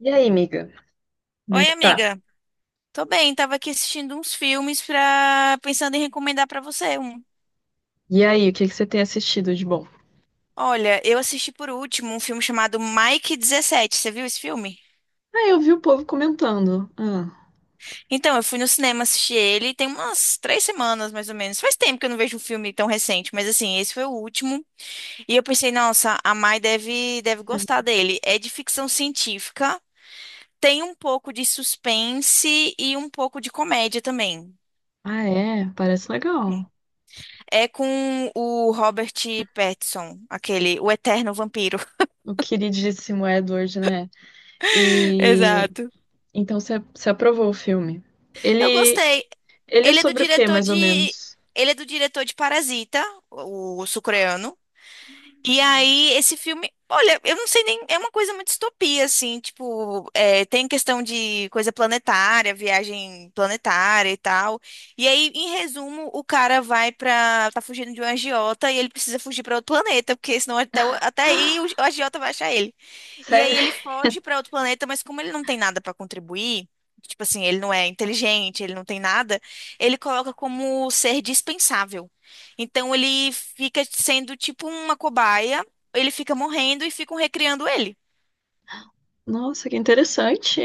E aí, amiga? Como é Oi, que tá? amiga. Tô bem, tava aqui assistindo uns filmes pensando em recomendar pra você um. E aí, o que que você tem assistido de bom? Olha, eu assisti por último um filme chamado Mike 17. Você viu esse filme? Ah, eu vi o povo comentando. Ah, Então, eu fui no cinema assistir ele tem umas 3 semanas, mais ou menos. Faz tempo que eu não vejo um filme tão recente, mas assim, esse foi o último. E eu pensei, nossa, a Mai deve gostar dele. É de ficção científica, tem um pouco de suspense e um pouco de comédia também. ah, é? Parece legal. É com o Robert Pattinson, aquele, o eterno vampiro. O queridíssimo Edward, né? E Exato. então você aprovou o filme. Eu Ele gostei. ele é Ele é do sobre o quê, diretor mais de, ou menos? Ele é do diretor de Parasita, o sul-coreano. E aí, esse filme, olha, eu não sei nem, é uma coisa muito distopia, assim, tipo, é, tem questão de coisa planetária, viagem planetária e tal. E aí, em resumo, o cara vai pra, tá fugindo de um agiota e ele precisa fugir pra outro planeta, porque senão até, até aí o agiota vai achar ele. E aí Sério? ele foge pra outro planeta, mas como ele não tem nada pra contribuir, tipo assim, ele não é inteligente, ele não tem nada, ele coloca como ser dispensável. Então ele fica sendo tipo uma cobaia, ele fica morrendo e ficam recriando ele. Nossa, que interessante.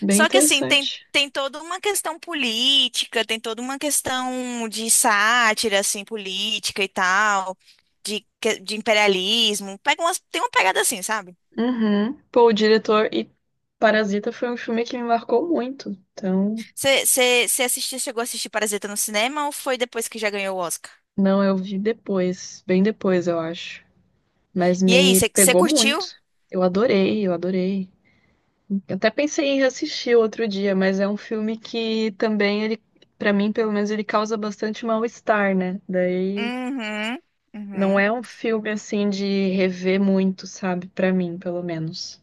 Bem Só que assim, tem, interessante. tem toda uma questão política, tem toda uma questão de sátira, assim, política e tal, de imperialismo. Tem uma pegada assim, sabe? Uhum. Pô, o diretor e Parasita foi um filme que me marcou muito. Então, Você assistiu, chegou a assistir Parasita no cinema ou foi depois que já ganhou o Oscar? não, eu vi depois, bem depois, eu acho. Mas E aí, me você pegou curtiu? muito. Eu adorei, eu adorei. Eu até pensei em reassistir outro dia, mas é um filme que também ele, para mim, pelo menos ele causa bastante mal-estar, né? Daí Uhum, não uhum. é um filme assim de rever muito, sabe? Pra mim, pelo menos.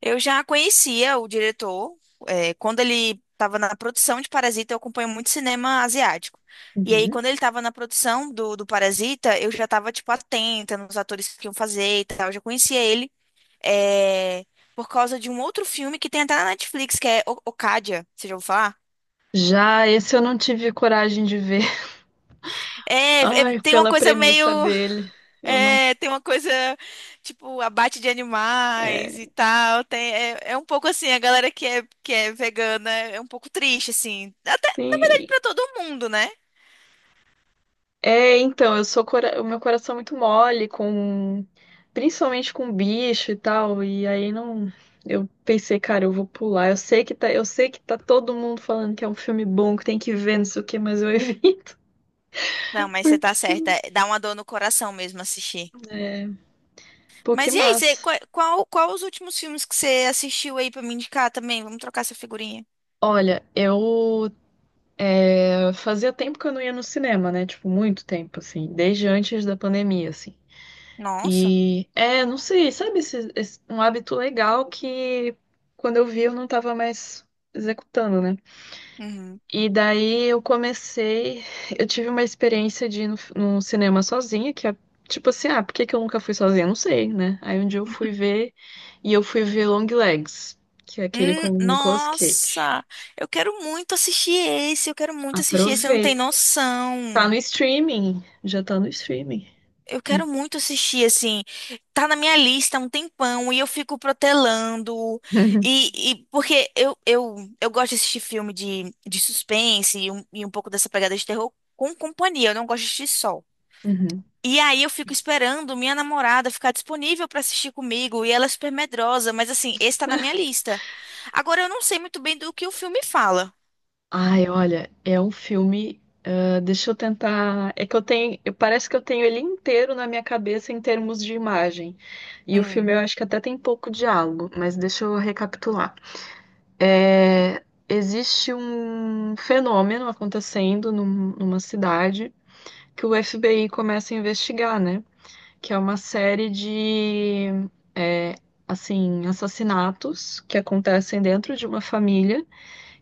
Eu já conhecia o diretor, quando ele estava na produção de Parasita, eu acompanho muito cinema asiático. E aí, Uhum. quando ele estava na produção do Parasita, eu já estava, tipo, atenta nos atores que iam fazer e tal. Eu já conhecia ele, eh, por causa de um outro filme que tem até na Netflix, que é Okja, você já ouviu falar? Já esse eu não tive coragem de ver. É, Ai, tem uma pela coisa meio. premissa dele. Eu não. É, tem uma coisa, tipo, abate de animais É, e tal. Tem, é um pouco assim, a galera que é vegana é um pouco triste, assim. Até, na verdade, sim. pra todo mundo, né? É, então, eu sou cora... o meu coração é muito mole com principalmente com bicho e tal, e aí não eu pensei, cara, eu vou pular. Eu sei que tá, eu sei que tá todo mundo falando que é um filme bom, que tem que ver, não sei o quê, mas eu evito. Não, mas você Porque tá que certa. eu- Dá uma dor no coração mesmo assistir. Pô, que Mas e aí, você, massa. qua- qual, qual, os últimos filmes que você assistiu aí pra me indicar também? Vamos trocar essa figurinha. Olha, eu fazia tempo que eu não ia no cinema, né? Tipo, muito tempo assim, desde antes da pandemia, assim. Nossa. E não sei, sabe, um hábito legal que quando eu vi eu não tava mais executando, né? Uhum. E daí eu comecei, eu tive uma experiência de ir no, num cinema sozinha, que é tipo assim, ah, por que que eu nunca fui sozinha? Não sei, né? Aí um dia eu fui ver e eu fui ver Long Legs, que é aquele com o Nicolas Cage. Nossa, eu quero muito assistir esse, eu quero muito assistir esse, você não tem Aproveita. Tá noção. no streaming, já tá no streaming. Eu quero muito assistir, assim, tá na minha lista há um tempão e eu fico protelando. Porque eu gosto de assistir filme de suspense e um pouco dessa pegada de terror com companhia, eu não gosto de assistir só. Uhum. E aí eu fico esperando minha namorada ficar disponível pra assistir comigo e ela é super medrosa, mas assim, esse tá na minha lista. Agora eu não sei muito bem do que o filme fala. Ai, olha, é um filme Deixa eu tentar. É que eu tenho. Eu- Parece que eu tenho ele inteiro na minha cabeça em termos de imagem. E o filme Hum. eu acho que até tem pouco diálogo, mas deixa eu recapitular. É, existe um fenômeno acontecendo numa cidade que o FBI começa a investigar, né? Que é uma série de, é, assim, assassinatos que acontecem dentro de uma família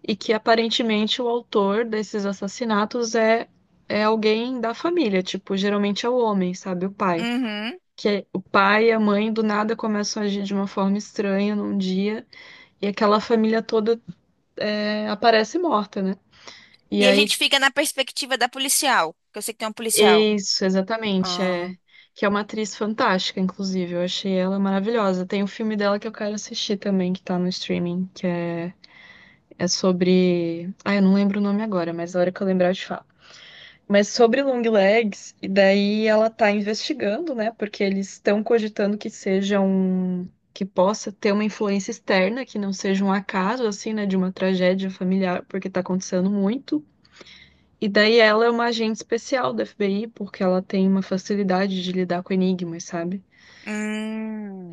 e que aparentemente o autor desses assassinatos é alguém da família, tipo, geralmente é o homem, sabe, o pai. Uhum. O pai e a mãe do nada começam a agir de uma forma estranha num dia e aquela família toda é, aparece morta, né? E E a aí, gente fica na perspectiva da policial, que eu sei que tem uma policial. isso, exatamente, é que é uma atriz fantástica, inclusive, eu achei ela maravilhosa. Tem um filme dela que eu quero assistir também, que tá no streaming, que é sobre. Ah, eu não lembro o nome agora, mas a hora que eu lembrar eu te falo. Mas sobre long legs, e daí ela tá investigando, né? Porque eles estão cogitando que seja um que possa ter uma influência externa, que não seja um acaso assim, né, de uma tragédia familiar, porque tá acontecendo muito. E daí ela é uma agente especial da FBI, porque ela tem uma facilidade de lidar com enigmas, sabe?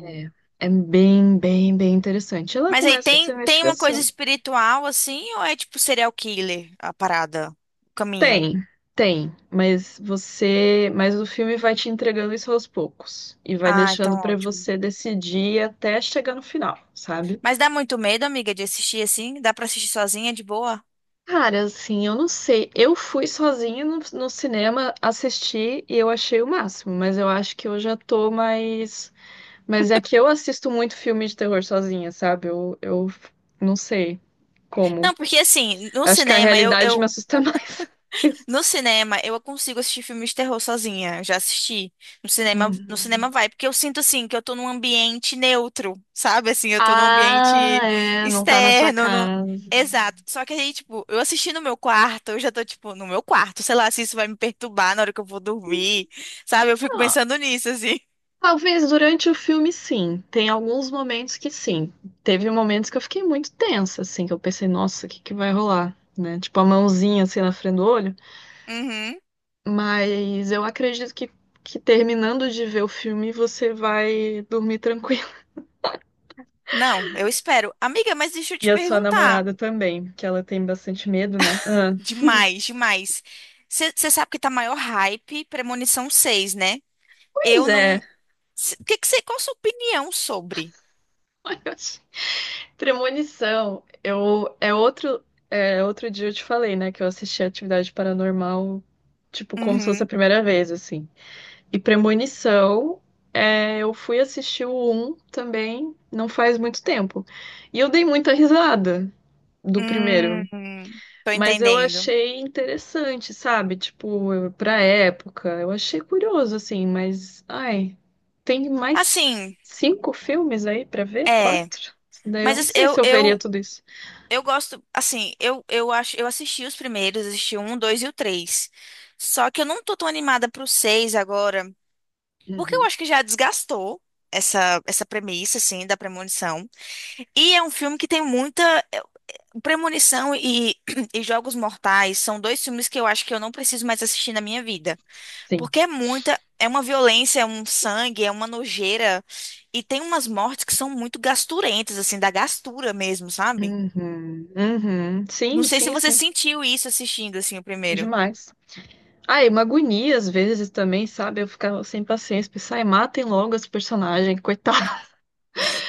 É, é bem interessante. Ela Mas aí começa tem, essa tem uma coisa investigação. espiritual assim, ou é tipo serial killer a parada, o caminho? Tem, tem, mas o filme vai te entregando isso aos poucos e vai Ah, então deixando pra ótimo. você decidir até chegar no final, sabe? Mas dá muito medo, amiga, de assistir assim? Dá pra assistir sozinha de boa? Cara, assim, eu não sei. Eu fui sozinha no cinema assistir e eu achei o máximo, mas eu acho que eu já tô mais. Mas é que eu assisto muito filme de terror sozinha, sabe? Eu não sei como. Não, porque assim, no Acho que a cinema eu, realidade eu me assusta mais. No cinema, eu consigo assistir filmes de terror sozinha. Já assisti. No cinema, no cinema Uhum. vai, porque eu sinto assim que eu tô num ambiente neutro, sabe? Assim, eu tô num Ah, ambiente é, não tá na sua externo. No... casa. Exato. Só que aí, tipo, eu assisti no meu quarto, eu já tô, tipo, no meu quarto, sei lá, se isso vai me perturbar na hora que eu vou dormir, sabe? Eu fico Ah, pensando nisso, assim. talvez durante o filme, sim. Tem alguns momentos que sim. Teve momentos que eu fiquei muito tensa, assim, que eu pensei, nossa, o que que vai rolar, né? Tipo, a mãozinha, assim, na frente do olho. Uhum. Mas eu acredito que terminando de ver o filme, você vai dormir tranquilo. Não, eu espero. Amiga, mas deixa eu E te a sua perguntar. namorada também, que ela tem bastante medo, né? Ah, Demais, demais. Você sabe que tá maior hype Premonição 6, né? Eu pois é. não. Se- O Que que você, qual a sua opinião sobre? Ai, eu achei- Premonição. Eu, é, outro dia eu te falei, né, que eu assisti Atividade Paranormal, tipo, como se fosse a Uhum. primeira vez, assim. E Premonição, é, eu fui assistir o um também, não faz muito tempo. E eu dei muita risada do primeiro, Tô mas eu entendendo. achei interessante, sabe? Pra época, eu achei curioso, assim, mas, ai, tem mais Assim, cinco filmes aí pra ver? é, Quatro? Daí eu mas não assim, sei eu, se eu veria eu, tudo isso. eu gosto, assim, eu acho, eu assisti os primeiros, assisti o um, o dois e o três. Só que eu não tô tão animada pro seis agora, porque eu Uhum, acho que já desgastou essa premissa, assim, da premonição. E é um filme que tem muita é, premonição e, e Jogos Mortais são dois filmes que eu acho que eu não preciso mais assistir na minha vida. sim. Porque é muita, é uma violência, é um sangue, é uma nojeira. E tem umas mortes que são muito gasturentas, assim, da gastura mesmo, sabe? Uhum, uhum. Não Sim, sei se sim, você sim. sentiu isso assistindo, assim, o primeiro. Demais. Ah, e uma agonia às vezes também, sabe? Eu ficava sem paciência, pensar, ai, matem logo esse personagem, coitado.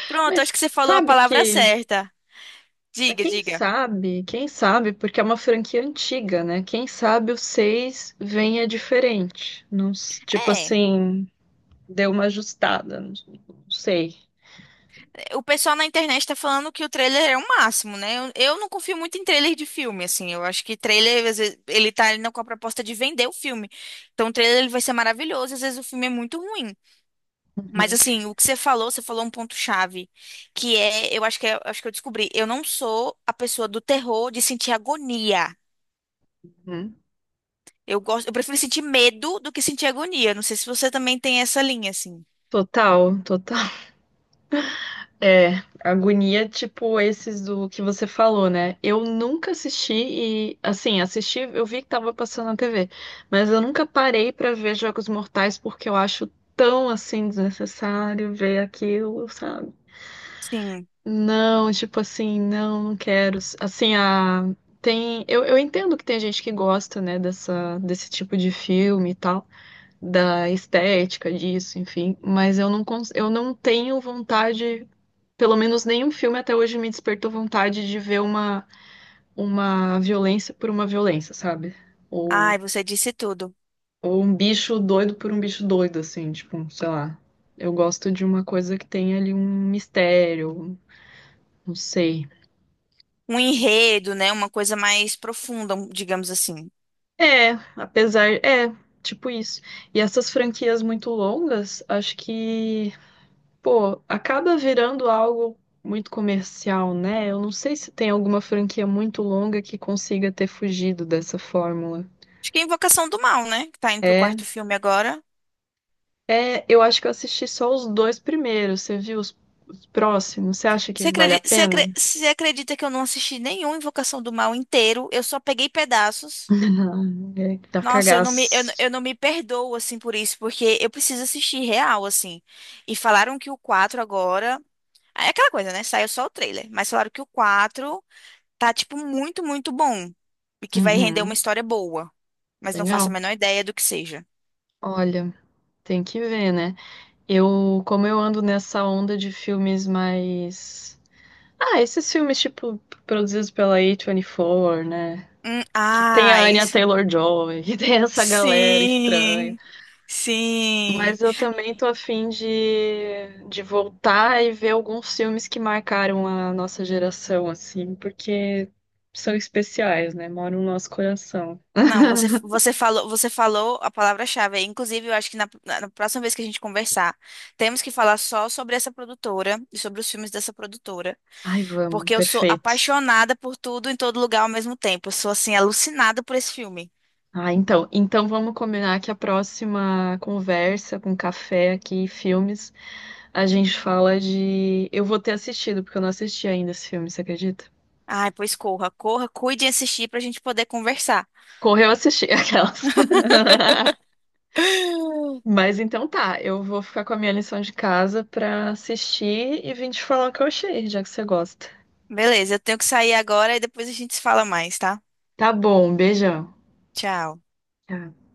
Pronto, acho Mas que você falou a sabe palavra que. certa. Mas Diga, diga. Quem sabe, porque é uma franquia antiga, né? Quem sabe o 6 venha diferente. Não, tipo É, assim, deu uma ajustada, não não sei. o pessoal na internet tá falando que o trailer é o máximo, né? Eu não confio muito em trailer de filme, assim. Eu acho que trailer, às vezes, ele tá ali com a proposta de vender o filme. Então, o trailer ele vai ser maravilhoso, às vezes o filme é muito ruim. Mas Uhum, assim, o que você falou um ponto-chave, que é, eu acho que eu acho que eu descobri, eu não sou a pessoa do terror de sentir agonia. uhum. Eu prefiro sentir medo do que sentir agonia. Não sei se você também tem essa linha assim. Total, total. É, agonia, tipo esses do que você falou, né? Eu nunca assisti, eu vi que tava passando na TV, mas eu nunca parei pra ver Jogos Mortais porque eu acho tão, assim, desnecessário ver aquilo, sabe? Sim. Não, tipo assim, não, não quero. Assim, a tem, eu entendo que tem gente que gosta, né, dessa desse tipo de filme e tal, da estética disso, enfim, mas eu não cons... eu não tenho vontade pelo menos nenhum filme até hoje me despertou vontade de ver uma violência por uma violência, sabe? Ou, Ai, você disse tudo. ou um bicho doido por um bicho doido, assim, tipo, sei lá. Eu gosto de uma coisa que tem ali um mistério, não sei. Um enredo, né? Uma coisa mais profunda, digamos assim. É, apesar. É, tipo isso. E essas franquias muito longas, acho que, pô, acaba virando algo muito comercial, né? Eu não sei se tem alguma franquia muito longa que consiga ter fugido dessa fórmula. Acho que é Invocação do Mal, né? Que tá indo pro quarto É. filme agora. É, eu acho que eu assisti só os dois primeiros. Você viu os próximos? Você acha Você que vale a acredita, você pena? acre- você acredita que eu não assisti nenhum Invocação do Mal inteiro? Eu só peguei pedaços. Não, é que dá Nossa, eu, cagaço. eu não me perdoo, assim, por isso, porque eu preciso assistir real, assim. E falaram que o 4 agora. É aquela coisa, né? Saiu só o trailer. Mas falaram que o 4 tá, tipo, muito, muito bom. E que vai render uma Uhum, história boa. Mas não faço a legal. menor ideia do que seja. Olha, tem que ver, né? Eu, como eu ando nessa onda de filmes mais. Ah, esses filmes, tipo, produzidos pela A24, né? Que tem a Ah, Anya isso. Taylor-Joy, que tem essa galera estranha. Sim. Sim. Mas eu também tô afim de voltar e ver alguns filmes que marcaram a nossa geração, assim, porque são especiais, né? Moram no nosso coração. Não, você falou a palavra-chave aí. Inclusive, eu acho que na próxima vez que a gente conversar, temos que falar só sobre essa produtora e sobre os filmes dessa produtora, Ai, vamos, porque eu sou perfeito. apaixonada por tudo em todo lugar ao mesmo tempo. Eu sou assim alucinada por esse filme. Ah, então, então vamos combinar que a próxima conversa com café aqui, e filmes, a gente fala de. Eu vou ter assistido, porque eu não assisti ainda esse filme, você acredita? Ai, pois corra, corra, cuide de assistir pra gente poder conversar. Correu assistir aquelas. Mas então tá, eu vou ficar com a minha lição de casa pra assistir e vim te falar o que eu achei, já que você gosta. Beleza, eu tenho que sair agora e depois a gente se fala mais, tá? Tá bom, beijão. Tchau. Tchau.